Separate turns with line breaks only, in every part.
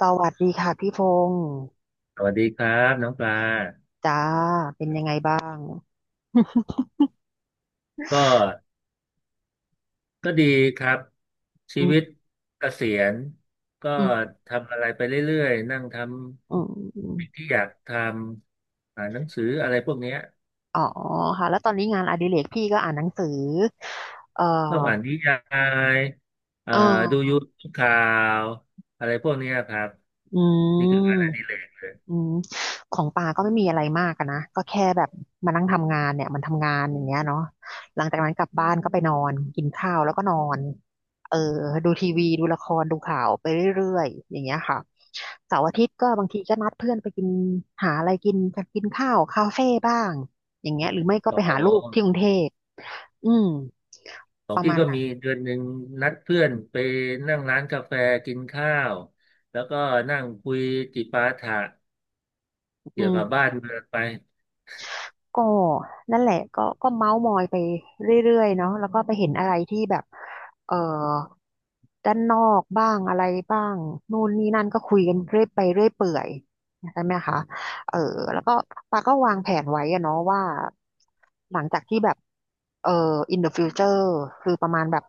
สวัสดีค่ะพี่พงษ์
สวัสดีครับน้องปลา
จ้าเป็นยังไงบ้าง
ก็ก็ดีครับชี
อื
วิต
ม
เกษียณก็
อืม
ทำอะไรไปเรื่อยๆนั่งท
อืมอืม
ำสิ่งที่อยากทำอ่านหนังสืออะไรพวกเนี้ย
อ๋อค่ะแล้วตอนนี้งานอดิเรกพี่ก็อ่านหนังสือเอ่อ
ชอบอ่านนิยายเอ่อ
เอ
ดูยู
อ
ทูบข่าวอะไรพวกเนี้ยครับ
อื
นี่
ม
คืองานอดิเรก
อืมของปาก็ไม่มีอะไรมากอะนะก็แค่แบบมานั่งทำงานเนี่ยมันทำงานอย่างเงี้ยเนาะหลังจากนั้นกลับบ้านก็ไปนอนกินข้าวแล้วก็นอนเออดูทีวีดูละครดูข่าวไปเรื่อยๆอย่างเงี้ยค่ะเสาร์อาทิตย์ก็บางทีก็นัดเพื่อนไปกินหาอะไรกินกันกินข้าวคาเฟ่บ้างอย่างเงี้ยหรือไม่ก็
ข
ไป
อ
หาลูก
ง
ที่กรุงเทพอืม
ขอ
ป
ง
ระ
พี่
มาณ
ก็
นั้น
มีเดือนหนึ่งนัดเพื่อนไปนั่งร้านกาแฟกินข้าวแล้วก็นั่งคุยจิปาถะ
อื
เกี่ยวกับบ้าน
ม
เมืองไป
ก็นั่นแหละก็ก็เมาส์มอยไปเรื่อยๆเนาะแล้วก็ไปเห็นอะไรที่แบบเอ่อด้านนอกบ้างอะไรบ้างนู่นนี่นั่นก็คุยกันเรื่อยไปเรื่อยเปื่อยใช่ไหมคะเออแล้วก็ปาก็วางแผนไว้อะเนาะว่าหลังจากที่แบบเอ่อ in the future คือประมาณแบบ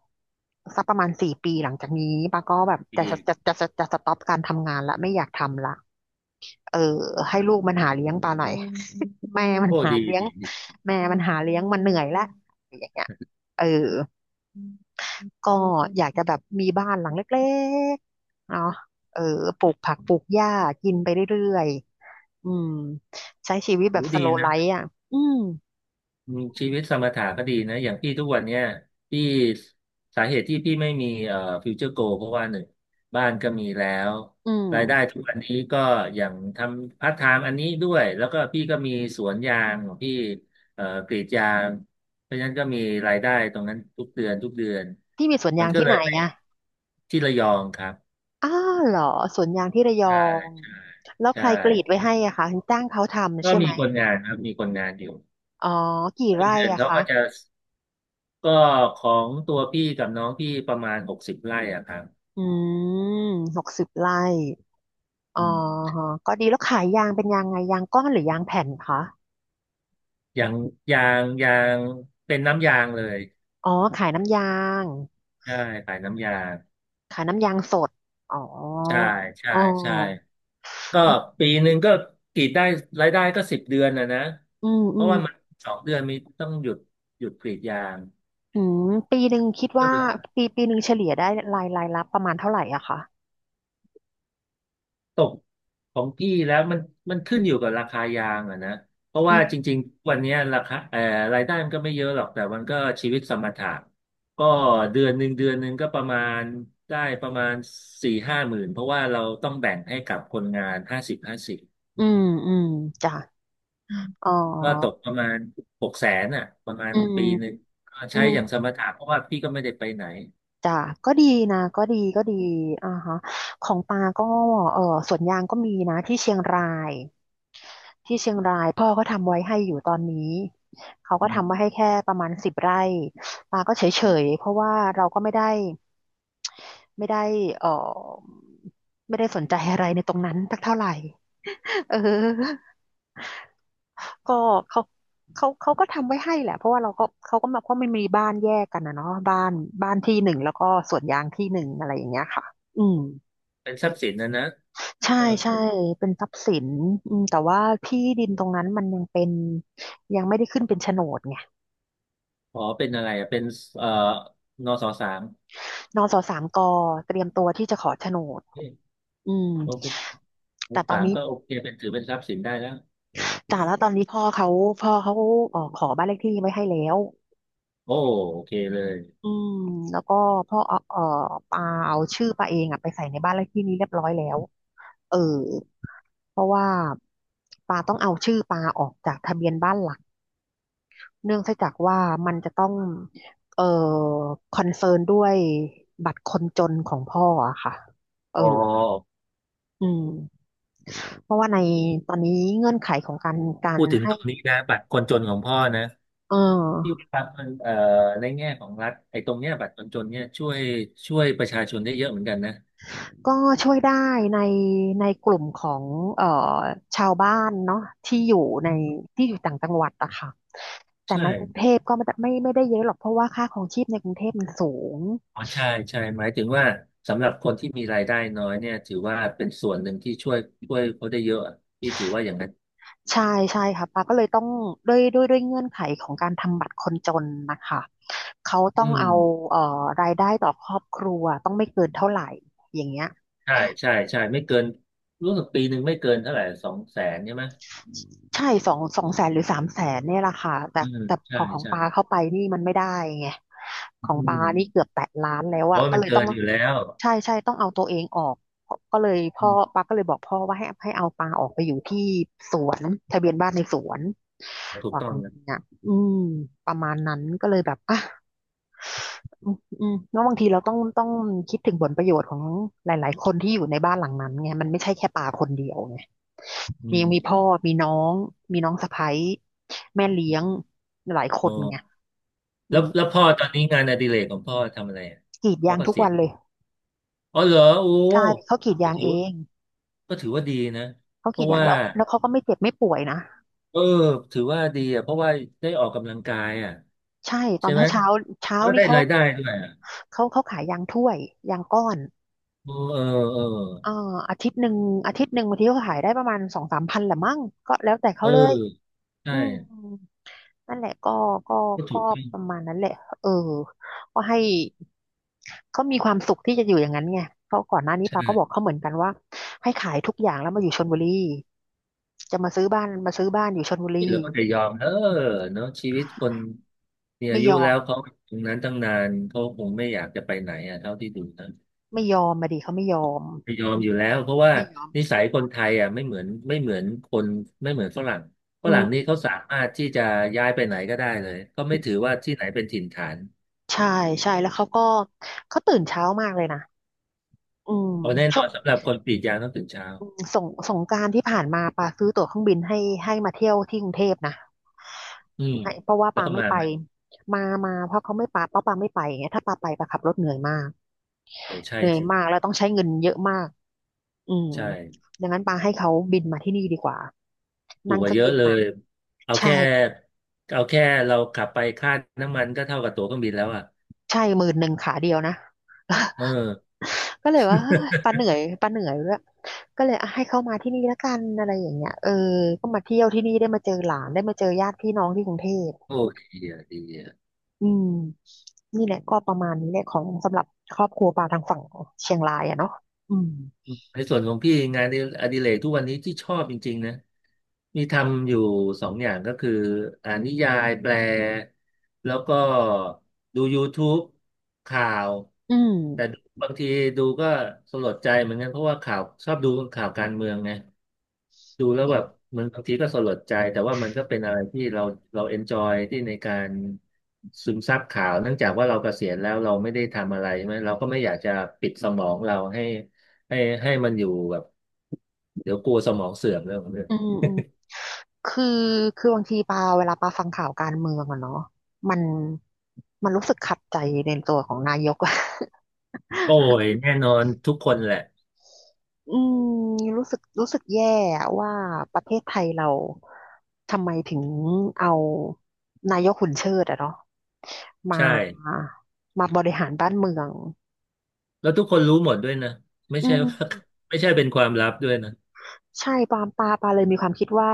สักประมาณ4 ปีหลังจากนี้ปาก็แบบ
ดี
จะสต็อปการทำงานละไม่อยากทำละ เออให้ลูกมันหาเลี้ยงปลาหน่อย อืม แม่มัน
โอ้
หา
ดี
เลี้ยง
ดีดี
แม่มันหาเลี้ยงมันเหนื่อยละอย่างเงี้ยเออก็อยากจะแบบมีบ้านหลังเล็กๆเนาะเออปลูกผักปลูกหญ้ากินไปเรื่อยๆอืมใช้ชีวิต
โห
แบบส
ดี
โลว์ไล
นะ
ฟ์อ่ะอืม
อืมชีวิตสมถะก็ดีนะอย่างพี่ทุกวันเนี้ยพี่สาเหตุที่พี่ไม่มีฟิวเจอร์โกเพราะว่าหนึ่งบ้านก็มีแล้ว
อื
รายได้
ม
ทุกวันนี้ก็อย่างทำพาร์ทไทม์อันนี้ด้วยแล้วก็พี่ก็มีสวนยางของพี่กรีดยางเพราะฉะนั้นก็มีรายได้ตรงนั้นทุกเดือน
ที่มีสวน
มั
ยา
น
ง
ก็
ที่
เล
ไหน
ยไม่
อ่ะ
ที่ระยองครับ
อ้าวเหรอสวนยางที่ระย
ใช่
อง
ใช่
แล้วใค
ใช่
รกรีดไว้ให้อะคะจ้างเขาทำ
ก็
ใช่ไห
มี
ม
คนงานครับมีคนงานอยู่
อ๋อกี่ไร่
เดือน
อะ
เขา
คะ
ก็จะก็ของตัวพี่กับน้องพี่ประมาณหกสิบไร่อะครับ
อืม60 ไร่อ๋
อื
อ
ม
ฮะก็ดีแล้วขายยางเป็นยางไงยางก้อนหรือยางแผ่นคะ
อย่างยางยางเป็นน้ำยางเลย
อ๋อขายน้ำยาง
ใช่ขายน้ำยาง
ขายน้ำยางสดอ๋อ
ใช่ใช่
อ๋อ
ใช่ก็ปีหนึ่งก็กรีดได้รายได้ก็สิบเดือนนะนะ
อืม
เพ
อื
ราะ
ม
ว่ามันสองเดือนมีต้องหยุดหยุดกรีดยาง
อืมปีหนึ่งคิด
ก็
ว่า
เหลือ
ปีหนึ่งเฉลี่ยได้รายรับประมาณเท่าไหร่อะคะ
ตกของพี่แล้วมันขึ้นอยู่กับราคายางอะนะเพราะ
อื
ว่าจ
ม
ริงๆวันเนี้ยราคารายได้มันก็ไม่เยอะหรอกแต่มันก็ชีวิตสมถะก็เดือนหนึ่งก็ประมาณได้ประมาณสี่ห้าหมื่นเพราะว่าเราต้องแบ่งให้กับคนงานห้าสิบห้าสิบ
อืมอืมจ้ะ
อืม
อ๋อ
ก็ตกประมาณหกแสนอ่ะประมาณ
อืม
ปีหนึ่งก็
อื
ใช้
ม
อย่างสมถะเพราะว่าพี่ก็ไม่ได้ไปไหน
จ้ะก็ดีนะก็ดีก็ดีอ่าฮะของปาก็เออสวนยางก็มีนะที่เชียงราย ที่เชียงรายพ่อก็ทำไว้ให้อยู่ตอนนี้เขาก็
อื
ทำไว้
ม
ให้แค่ประมาณสิบไร่ปาก็เฉยๆเพราะว่าเราก็ไม่ได้เออไม่ได้สนใจอะไรในตรงนั้นสักเท่าไหร่เออก็เขาเขาก็ทำไว้ให้แหละเพราะว่าเราก็เขาก็มาเพราะมันมีบ้านแยกกันนะเนาะบ้านที่หนึ่งแล้วก็สวนยางที่หนึ่งอะไรอย่างเงี้ยค่ะอืม
เป็นทรัพย์สินนะนะ
ใช่
ก็
ใช่เป็นทรัพย์สินอืมแต่ว่าที่ดินตรงนั้นมันยังเป็นยังไม่ได้ขึ้นเป็นโฉนดไง
ขอเป็นอะไรอะเป็นเอ่อนสสาม
นสสามกเตรียมตัวที่จะขอโฉนดอืม
โอเคม
แต่
ก
ตอน
สาม
นี้
ก็โอเคเป็นถือเป็นทรัพย์สินได้แล้ว
แต่แล้วตอนนี้พ่อเขาขอบ้านเลขที่ไว้ให้แล้ว
โอ้โอเคเลย
อืมแล้วก็พ่อปาเอาชื่อปาเองอะไปใส่ในบ้านเลขที่นี้เรียบร้อยแล้วเออเพราะว่าปาต้องเอาชื่อปาออกจากทะเบียนบ้านหลักเนื่องจากว่ามันจะต้องเอ่อคอนเซิร์นด้วยบัตรคนจนของพ่ออะค่ะเออ
อ๋อ
อืม เพราะว่าในตอนนี้เงื่อนไขของการ
พูดถึง
ให้
ตรงนี้นะบัตรคนจนของพ่อนะ
เอ
ที่
อ
ครับมันในแง่ของรัฐไอ้ตรงเนี้ยบัตรคนจนเนี่ยช่วยประชาชนได้เยอะเหมือนกันนะ
ก็ช่วยได้ในกลุ่มของเอ่อชาวบ้านเนาะที่อยู่ในที่อยู่ต่างจังหวัดอะค่ะแต่
ใช่
ในกรุงเทพก็ไม่ได้เยอะหรอกเพราะว่าค่าครองชีพในกรุงเทพมันสูง
อ๋อใช่ใช่หมายถึงว่าสำหรับคนที่มีรายได้น้อยเนี่ยถือว่าเป็นส่วนหนึ่งที่ช่วยเขาได้เยอะอะพี่ถือว่าอย่างนั้น
ใช่ใช่ค่ะปาก็เลยต้องด้วยเงื่อนไขของการทำบัตรคนจนนะคะเขา
อื
ต้อง
ม
เอาเอ่อรายได้ต่อครอบครัวต้องไม่เกินเท่าไหร่อย่างเงี้ย
ใช่ใช่ใช่ไม่เกินรู้สึกปีหนึ่งไม่เกินเท่าไหร่สองแสนใช่ไหม
ใช่200,000หรือ300,000เนี่ยแหละค่ะแต่
อืม
แต่พ
ใช่
อของ
ใช่
ปาเข้าไปนี่มันไม่ได้ไงของ
อื
ปานี่เกือบ
ม
แตะล้านแล้วอะ
โอ้ย
ก็
มัน
เลยต้
เกิ
อง
นอยู่แล้ว
ใช่ใช่ต้องเอาตัวเองออกเพราะก็เลยพ่
อื
อ
ม
ปาก็เลยบอกพ่อว่าให้เอาปาออกไปอยู่ที่สวนทะเบียนบ้านในสวน
ถูก
ว่า
ต้
อ
อ
ย่า
ง
ง
นะ
นี้ยอืมประมาณนั้นก็เลยแบบอ่ะ อืมาะแล้วบางทีเราต้องคิดถึงผลประโยชน์ของหลายๆคนที่อยู่ในบ้านหลังนั้นไงมันไม่ใช่แค่ปาคนเดียวไง
อื
ยั
ม
งมีพ่อมีน้องมีน้องสะใภ้แม่เลี้ยงหลายค
อ๋
นไง
อ
อื
แล้ว
ม
แล้วพ่อตอนนี้งานอดิเรกของพ่อทำอะไรอ่ะ
กรีด
า
ยาง
ก็
ทุก
เสีย
วัน
ณ
เลย
อ๋อเหรอโอ้
ใช่เขากรีด
ก็
ยาง
ถือ
เอ
ว่า
ง
ก็ถือว่าดีนะ
เขา
เพ
กรีด
ราะ
ยาง
ว่า
แล้วแล้วเขาก็ไม่เจ็บไม่ป่วยนะ
เออถือว่าดีอ่ะเพราะว่าได้ออกกำลังกายอ่ะ
ใช่ตอ
ใช่
น
ไหม
เช้าเช้าเช้า
แล้วก็
นี่
ได้รายได้ด้วยอ่ะ
เขาขายยางถ้วยยางก้อน
เออเออเออ
เอ่ออาทิตย์หนึ่งบางทีเขาขายได้ประมาณสองสามพันแหละมั้งก็แล้วแต่เขา
เออ
เลย
ใช่
อืม นั่นแหละก็ก็
ก็ถู
ก็
กต้อง
ประมาณนั้นแหละเออก็ให้เขามีความสุขที่จะอยู่อย่างนั้นไงเพราะก่อนหน้านี้
ใช่
ปาก็บอกเขาเหมือนกันว่าให้ขายทุกอย่างแล้วมาอยู่ชลบุรีจะมาซื้อบ้านอยู่ชลบุ
ที่
รี
เลือก็จะยอมเออเนาะชีวิตคนมีอา
ไม่
ยุ
ยอ
แล้
ม
วเขาตรงนั้นตั้งนานเขาคงไม่อยากจะไปไหนอ่ะเท่าที่ดูนะ
ไม่ยอมมาดิเขาไม่ยอม
ไม่ยอ
อื
มอ
ม
ยู่แล้วเพราะว่า
ไม่ยอม
นิสัยคนไทยอ่ะไม่เหมือนคนไม่เหมือนฝรั่งฝ
อื
รั่
ม
งนี่เขาสามารถที่จะย้ายไปไหนก็ได้เลยเขาไม่ถือว่าที่ไหนเป็นถิ่นฐาน
ใช่ใช่แล้วเขาก็เขาตื่นเช้ามากเลยนะอืม
เอาแน่น
ช่
อ
วง
นสำหรับคนกรีดยางต้องตื่นเช้า
อืมสงกรานต์ที่ผ่านมาปาซื้อตั๋วเครื่องบินให้ให้มาเที่ยวที่กรุงเทพนะ
อืม
ให้เพราะว่า
แล้ว
ปา
ก็
ไม่
มา
ไป
ไหม
มามาเพราะเขาไม่ปาเพราะปาไม่ไปไงถ้าปาไปปาขับรถเหนื่อยมาก
โอ้ใช่
เหนื่อย
ถือ
มากแล้วต้องใช้เงินเยอะมากอืม
ใช่
ดังนั้นปาให้เขาบินมาที่นี่ดีกว่า
ถู
นั่
ก
ง
ก
เค
ว่า
รื่อ
เย
ง
อะ
บิน
เล
มา
ยเอา
ใช่
แค่เอาแค่เราขับไปค่าน้ำมันก็เท่ากับตั๋วเครื่องบินแล้วอ่ะ
ใช่10,000ขาเดียวนะ
เออ
ก็เลยว่าเฮ้ยปาเหนื่อยด้วยก็เลยอ่ะให้เขามาที่นี่แล้วกันอะไรอย่างเงี้ยเออก็มาเที่ยวที่นี่ได้มาเจอหลานได้มาเจอญาติพี่น้องที่กรุงเทพ
โอ้ดีอ่ะดีอ่ะ
อืมนี่แหละก็ประมาณนี้แหละของสำหรับครอบครัวปลาทางฝั่งเชียงรายอะเนาะอืม
ในส่วนของพี่งานอดิเรกทุกวันนี้ที่ชอบจริงๆนะ มีทำอยู่สองอย่างก็คืออ่านนิยายแปลแล้วก็ดู YouTube ข่าว
อื
แต่
ม
บางทีดูก็สลดใจเหมือนกันเพราะว่าข่าวชอบดูข่าวการเมืองไงดูแล้วแบบเหมือนบางทีก็สลดใจแต่ว่ามันก็เป็นอะไรที่เราเอนจอยที่ในการซึมซับข่าวเนื่องจากว่าเราเกษียณแล้วเราไม่ได้ทำอะไรใช่ไหมเราก็ไม่อยากจะปิดสมองเราให้ให้ให้มันอยู่แบบเดี๋ยวกลัวสมองเสื่อมเรื่องของเรื่อง
อืมอืมคือคือบางทีปาเวลาปาฟังข่าวการเมืองอะเนาะมันมันรู้สึกขัดใจในตัวของนายกอะ
โอ้ยแน่นอนทุกคนแหละ
อืมรู้สึกรู้สึกแย่อะว่าประเทศไทยเราทำไมถึงเอานายกหุ่นเชิดอะเนาะมา
ใช่
บริหารบ้านเมือง
แล้วทุกคนรู้หมดด้วยนะไม่
อื
ใช่ ว่า
ม
ไม่ใช่เป็นความลับด้วยนะ
ใช่ปาเลยมีความคิดว่า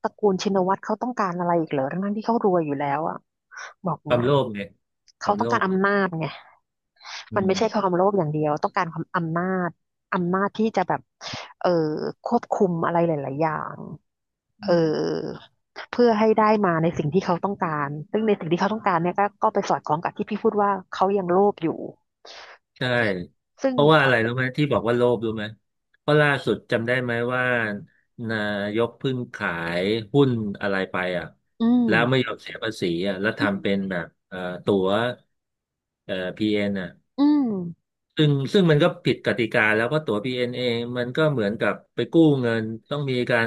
ตระกูลชินวัตรเขาต้องการอะไรอีกเหรอทั้งๆที่เขารวยอยู่แล้วอ่ะบอก
ควา
เนี่
ม
ย
โลภเนี่ยค
เขา
วาม
ต้อ
โล
งการ
ภไง
อำนาจไง
อื
มันไม่ใช่ควา
ม
มโลภอย่างเดียวต้องการความอำนาจอำนาจที่จะแบบเออควบคุมอะไรหลายๆอย่างเออเพื่อให้ได้มาในสิ่งที่เขาต้องการซึ่งในสิ่งที่เขาต้องการเนี่ยก็ไปสอดคล้องกับที่พี่พูดว่าเขายังโลภอยู่
ใช่
ซึ่ง
เพราะว่าอะไรรู้ไหมที่บอกว่าโลภรู้ไหมเพราะล่าสุดจำได้ไหมว่านายกเพิ่งขายหุ้นอะไรไปอ่ะ
อืม
แล้วไม่ยอมเสียภาษีอ่ะแล้ว
อืม
ทำเป็นแบบตั๋วพีเอ็นอ่ะ
อืม
ซึ่งมันก็ผิดกติกาแล้วเพราะตั๋ว BNA มันก็เหมือนกับไปกู้เงินต้องมีการ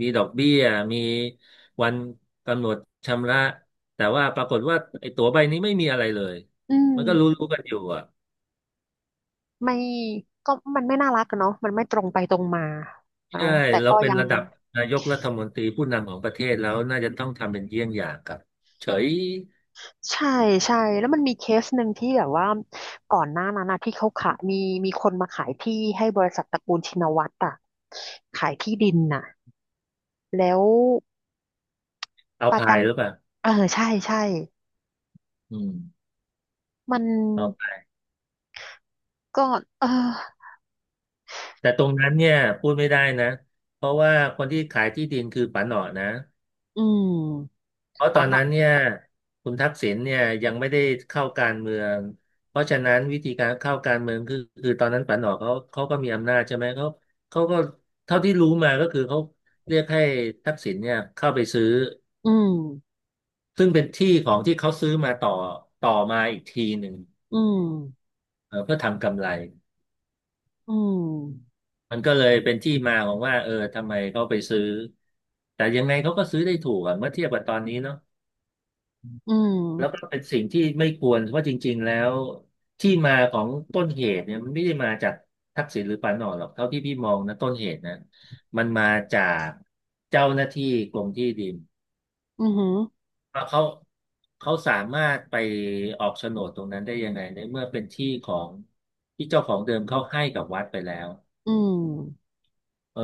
มีดอกเบี้ยมีวันกำหนดชำระแต่ว่าปรากฏว่าไอ้ตั๋วใบนี้ไม่มีอะไรเลย
อืม
มันก็รู้ๆกันอยู่อ่ะ
ไม่ก็มันไม่น่ารักกันเนาะมันไม่ตรงไปตรงมา
ใช่
เนาะแต่
เรา
ก็
เป็น
ยัง
ระดับนายกรัฐมนตรีผู้นำของประเทศแล้วน่าจะต้องทำเป็นเยี่ยงอย่างกับเฉย
ใช่ใช่แล้วมันมีเคสหนึ่งที่แบบว่าก่อนหน้านั้นนะที่เขาขายมีมีคนมาขายที่ให้บริษัทตระกูลชินวัตรอะขายที่ดินน่ะแล้ว
เอา
ประจ
พายหรือเปล่า
ำเออใช่ใช่
อืม
มัน
เอาพาย
ก็เออ
แต่ตรงนั้นเนี่ยพูดไม่ได้นะเพราะว่าคนที่ขายที่ดินคือป๋าหนอนะ
อืม
เพราะตอ
ปัน
น
หร
นั้น
อะ
เนี่ยคุณทักษิณเนี่ยยังไม่ได้เข้าการเมืองเพราะฉะนั้นวิธีการเข้าการเมืองคือคือตอนนั้นปานออกเขาก็มีอำนาจใช่ไหมเขาเขาก็เท่าที่รู้มาก็คือเขาเรียกให้ทักษิณเนี่ยเข้าไปซื้อ
อืม
ซึ่งเป็นที่ของที่เขาซื้อมาต่อต่อมาอีกทีหนึ่ง
อืม
เออเพื่อทำกำไร
อืม
มันก็เลยเป็นที่มาของว่าเออทำไมเขาไปซื้อแต่ยังไงเขาก็ซื้อได้ถูกอะเมื่อเทียบกับตอนนี้เนาะ
อื
แล้วก็
ม
เป็นสิ่งที่ไม่ควรเพราะจริงๆแล้วที่มาของต้นเหตุเนี่ยมันไม่ได้มาจากทักษิณหรือปานออนหรอกเท่าที่พี่มองนะต้นเหตุนะมันมาจากเจ้าหน้าที่กรมที่ดิน
อือหือ
ว่าเขาสามารถไปออกโฉนดตรงนั้นได้ยังไงในเมื่อเป็นที่ของที่เจ้าของเดิมเขาให้กับวัดไปแล้ว
อืม
เออ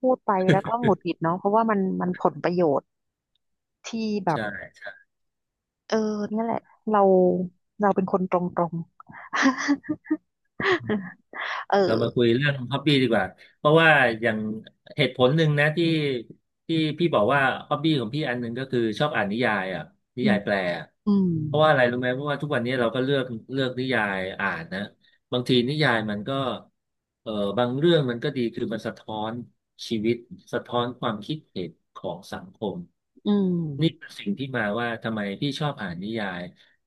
พูดไปแล้วก็หงุดหงิดเนาะเพราะว่ามันมันผลประโยชน์ที่แบบ
ใช่ใช่
เออเนี่ยแหละเราเราเป็นคนตรงๆ เออ
เรามาคุยเรื่องฮอบบี้ดีกว่าเพราะว่าอย่างเหตุผลหนึ่งนะที่ที่พี่บอกว่าฮอบบี้ของพี่อันหนึ่งก็คือชอบอ่านนิยายอ่ะนิ
อื
ยา
ม
ยแปลอะ
อืม
เพราะว่าอะไรรู้ไหมเพราะว่าทุกวันนี้เราก็เลือกเลือกนิยายอ่านนะบางทีนิยายมันก็เออบางเรื่องมันก็ดีคือมันสะท้อนชีวิตสะท้อนความคิดเห็นของสังคม
อืม
นี่เป็นสิ่งที่มาว่าทำไมพี่ชอบอ่านนิยาย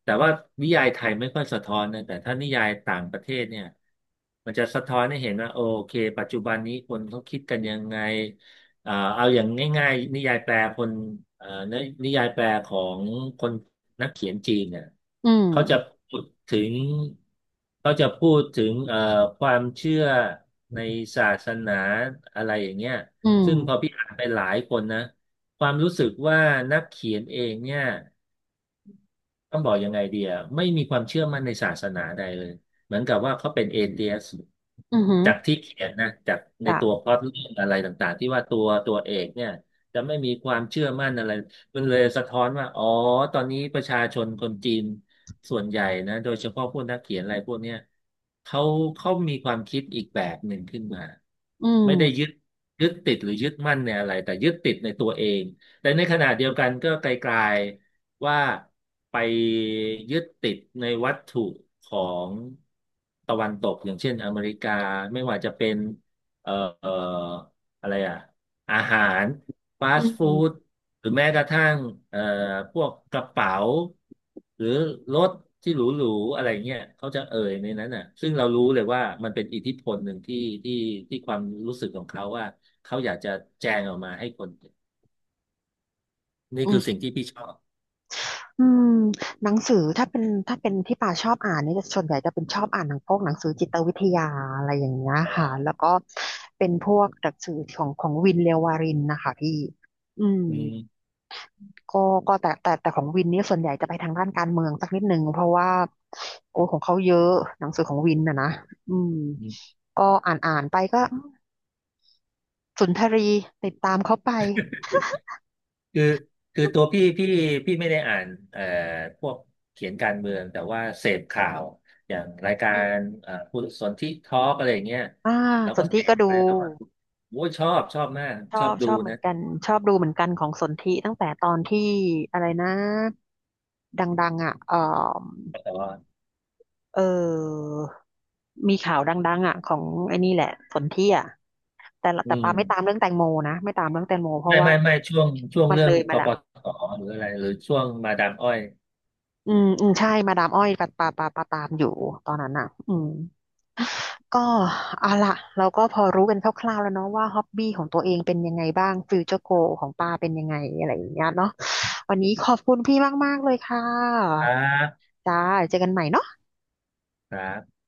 แต่ว่านิยายไทยไม่ค่อยสะท้อนนะแต่ถ้านิยายต่างประเทศเนี่ยมันจะสะท้อนให้เห็นว่าโอเคปัจจุบันนี้คนเขาคิดกันยังไงเอาอย่างง่ายๆนิยายแปลคนนินิยายแปลของคนนักเขียนจีนเนี่ย
อื
เขาจะ
ม
พูดถึงเขาจะพูดถึงความเชื่อในศาสนาอะไรอย่างเงี้ย
อื
ซึ่งพอ
ม
พี่อ่านไปหลายคนนะ ความรู้สึกว่านักเขียนเองเนี่ย ต้องบอกยังไงเดีย ไม่มีความเชื่อมั่นในศาสนาใดเลย เหมือนกับว่าเขาเป็นเอเทียส
อือหือ
จากที่เขียนนะ จากใน
จ้ะ
ตัวพล็อตเรื่องอะไรต่างๆที่ว่าตัวตัวเอกเนี่ยจะไม่มีความเชื่อมั่นอะไรมันเลยสะท้อนว่า อ๋อตอนนี้ประชาชนคนจีนส่วนใหญ่นะ โดยเฉพาะพวกนักเขียนอะไรพวกเนี้ยเขาเขามีความคิดอีกแบบหนึ่งขึ้นมา
อื
ไม่ได้ยึ
ม
ดยึดติดหรือยึดมั่นในอะไรแต่ยึดติดในตัวเองแต่ในขณะเดียวกันก็ไกลๆ ว่าไปยึดติดในวัตถุของตะวันตกอย่างเช่นอเมริกาไม่ว่าจะเป็นเอ่อเอ่ออะไรอะอาหารฟา
อื
ส
ม
ต์
อื
ฟู้ด
ม
หรือแม้กระทั่งเอ่อพวกกระเป๋าหรือรถที่หรูๆอะไรเงี้ยเขาจะเอ่ยในนั้นน่ะซึ่งเรารู้เลยว่ามันเป็นอิทธิพลหนึ่งที่ที่ที่ความรู้สึกของเขาว่าเขาอยากจะแจงออกมาให้คนเห็นนี่คือสิ่งที่พี่ชอบ
อืมหนังสือถ้าเป็นที่ป่าชอบอ่านเนี่ยจะส่วนใหญ่จะเป็นชอบอ่านหนังพวกหนังสือจิตวิทยาอะไรอย่างเงี้ย
อ๋อ
ค่ะแล้วก็เป็นพวกหนังสือของวินเลววารินนะคะพี่อืม
อืม
ก็ก็แต่ของวินนี่ส่วนใหญ่จะไปทางด้านการเมืองสักนิดหนึงเพราะว่าโอ้ของเขาเยอะหนังสือของวินนะนะอืมก็อ่านอ่านไปก็สุนทรีติดตามเขาไป
คือคือตัวพี่พี่พี่ไม่ได้อ่านเอ่อพวกเขียนการเมืองแต่ว่าเสพข่าวอย่างรายกา
อื
ร
ม
ผู้สนที่ทอล์กอะไรอย่างเงี้ย
อ่า
เรา
ส
ก็
น
เส
ธิก็
พไป
ดู
แล้วก็โอ้ยชอบชอบมาก
ช
ชอ
อ
บ
บช
ดู
อบเหมือ
นะ
นกันชอบดูเหมือนกันของสนธิตั้งแต่ตอนที่อะไรนะดังๆอ่ะเออ
แต่ว่า
เออมีข่าวดังๆอ่ะของไอ้นี่แหละสนธิอ่ะแต่ละ
อื
แต่ปาไม่ตาม
ม
เรื่องแตงโมนะไม่ตามเรื่องแตงโมเพราะ
ไม่
ว่า
ไม่ไม่ช่วงช่วง
มัน
เรื่อ
เล
ง
ย
ก
มาแล้
ป
ว
ตหรืออะไรหรือช่วงมาดามอ้อย
อืมอืมใช่ มาดามอ้อยปะปะปะปะตามอยู่ตอนนั้นอ่ะอืมก็เอาละ เราก็พอรู้กันคร่าวๆแล้วเนาะว่าฮ็อบบี้ของตัวเองเป็นยังไงบ้างฟิวเจอร์โกของป้าเป็นยังไงอะไรอย่างเงี้ยเนาะวันนี้ขอบคุณพี่มากๆเลยค่
ค
ะ
รับ
จ้าเจอกันใหม่เนาะ
ครับ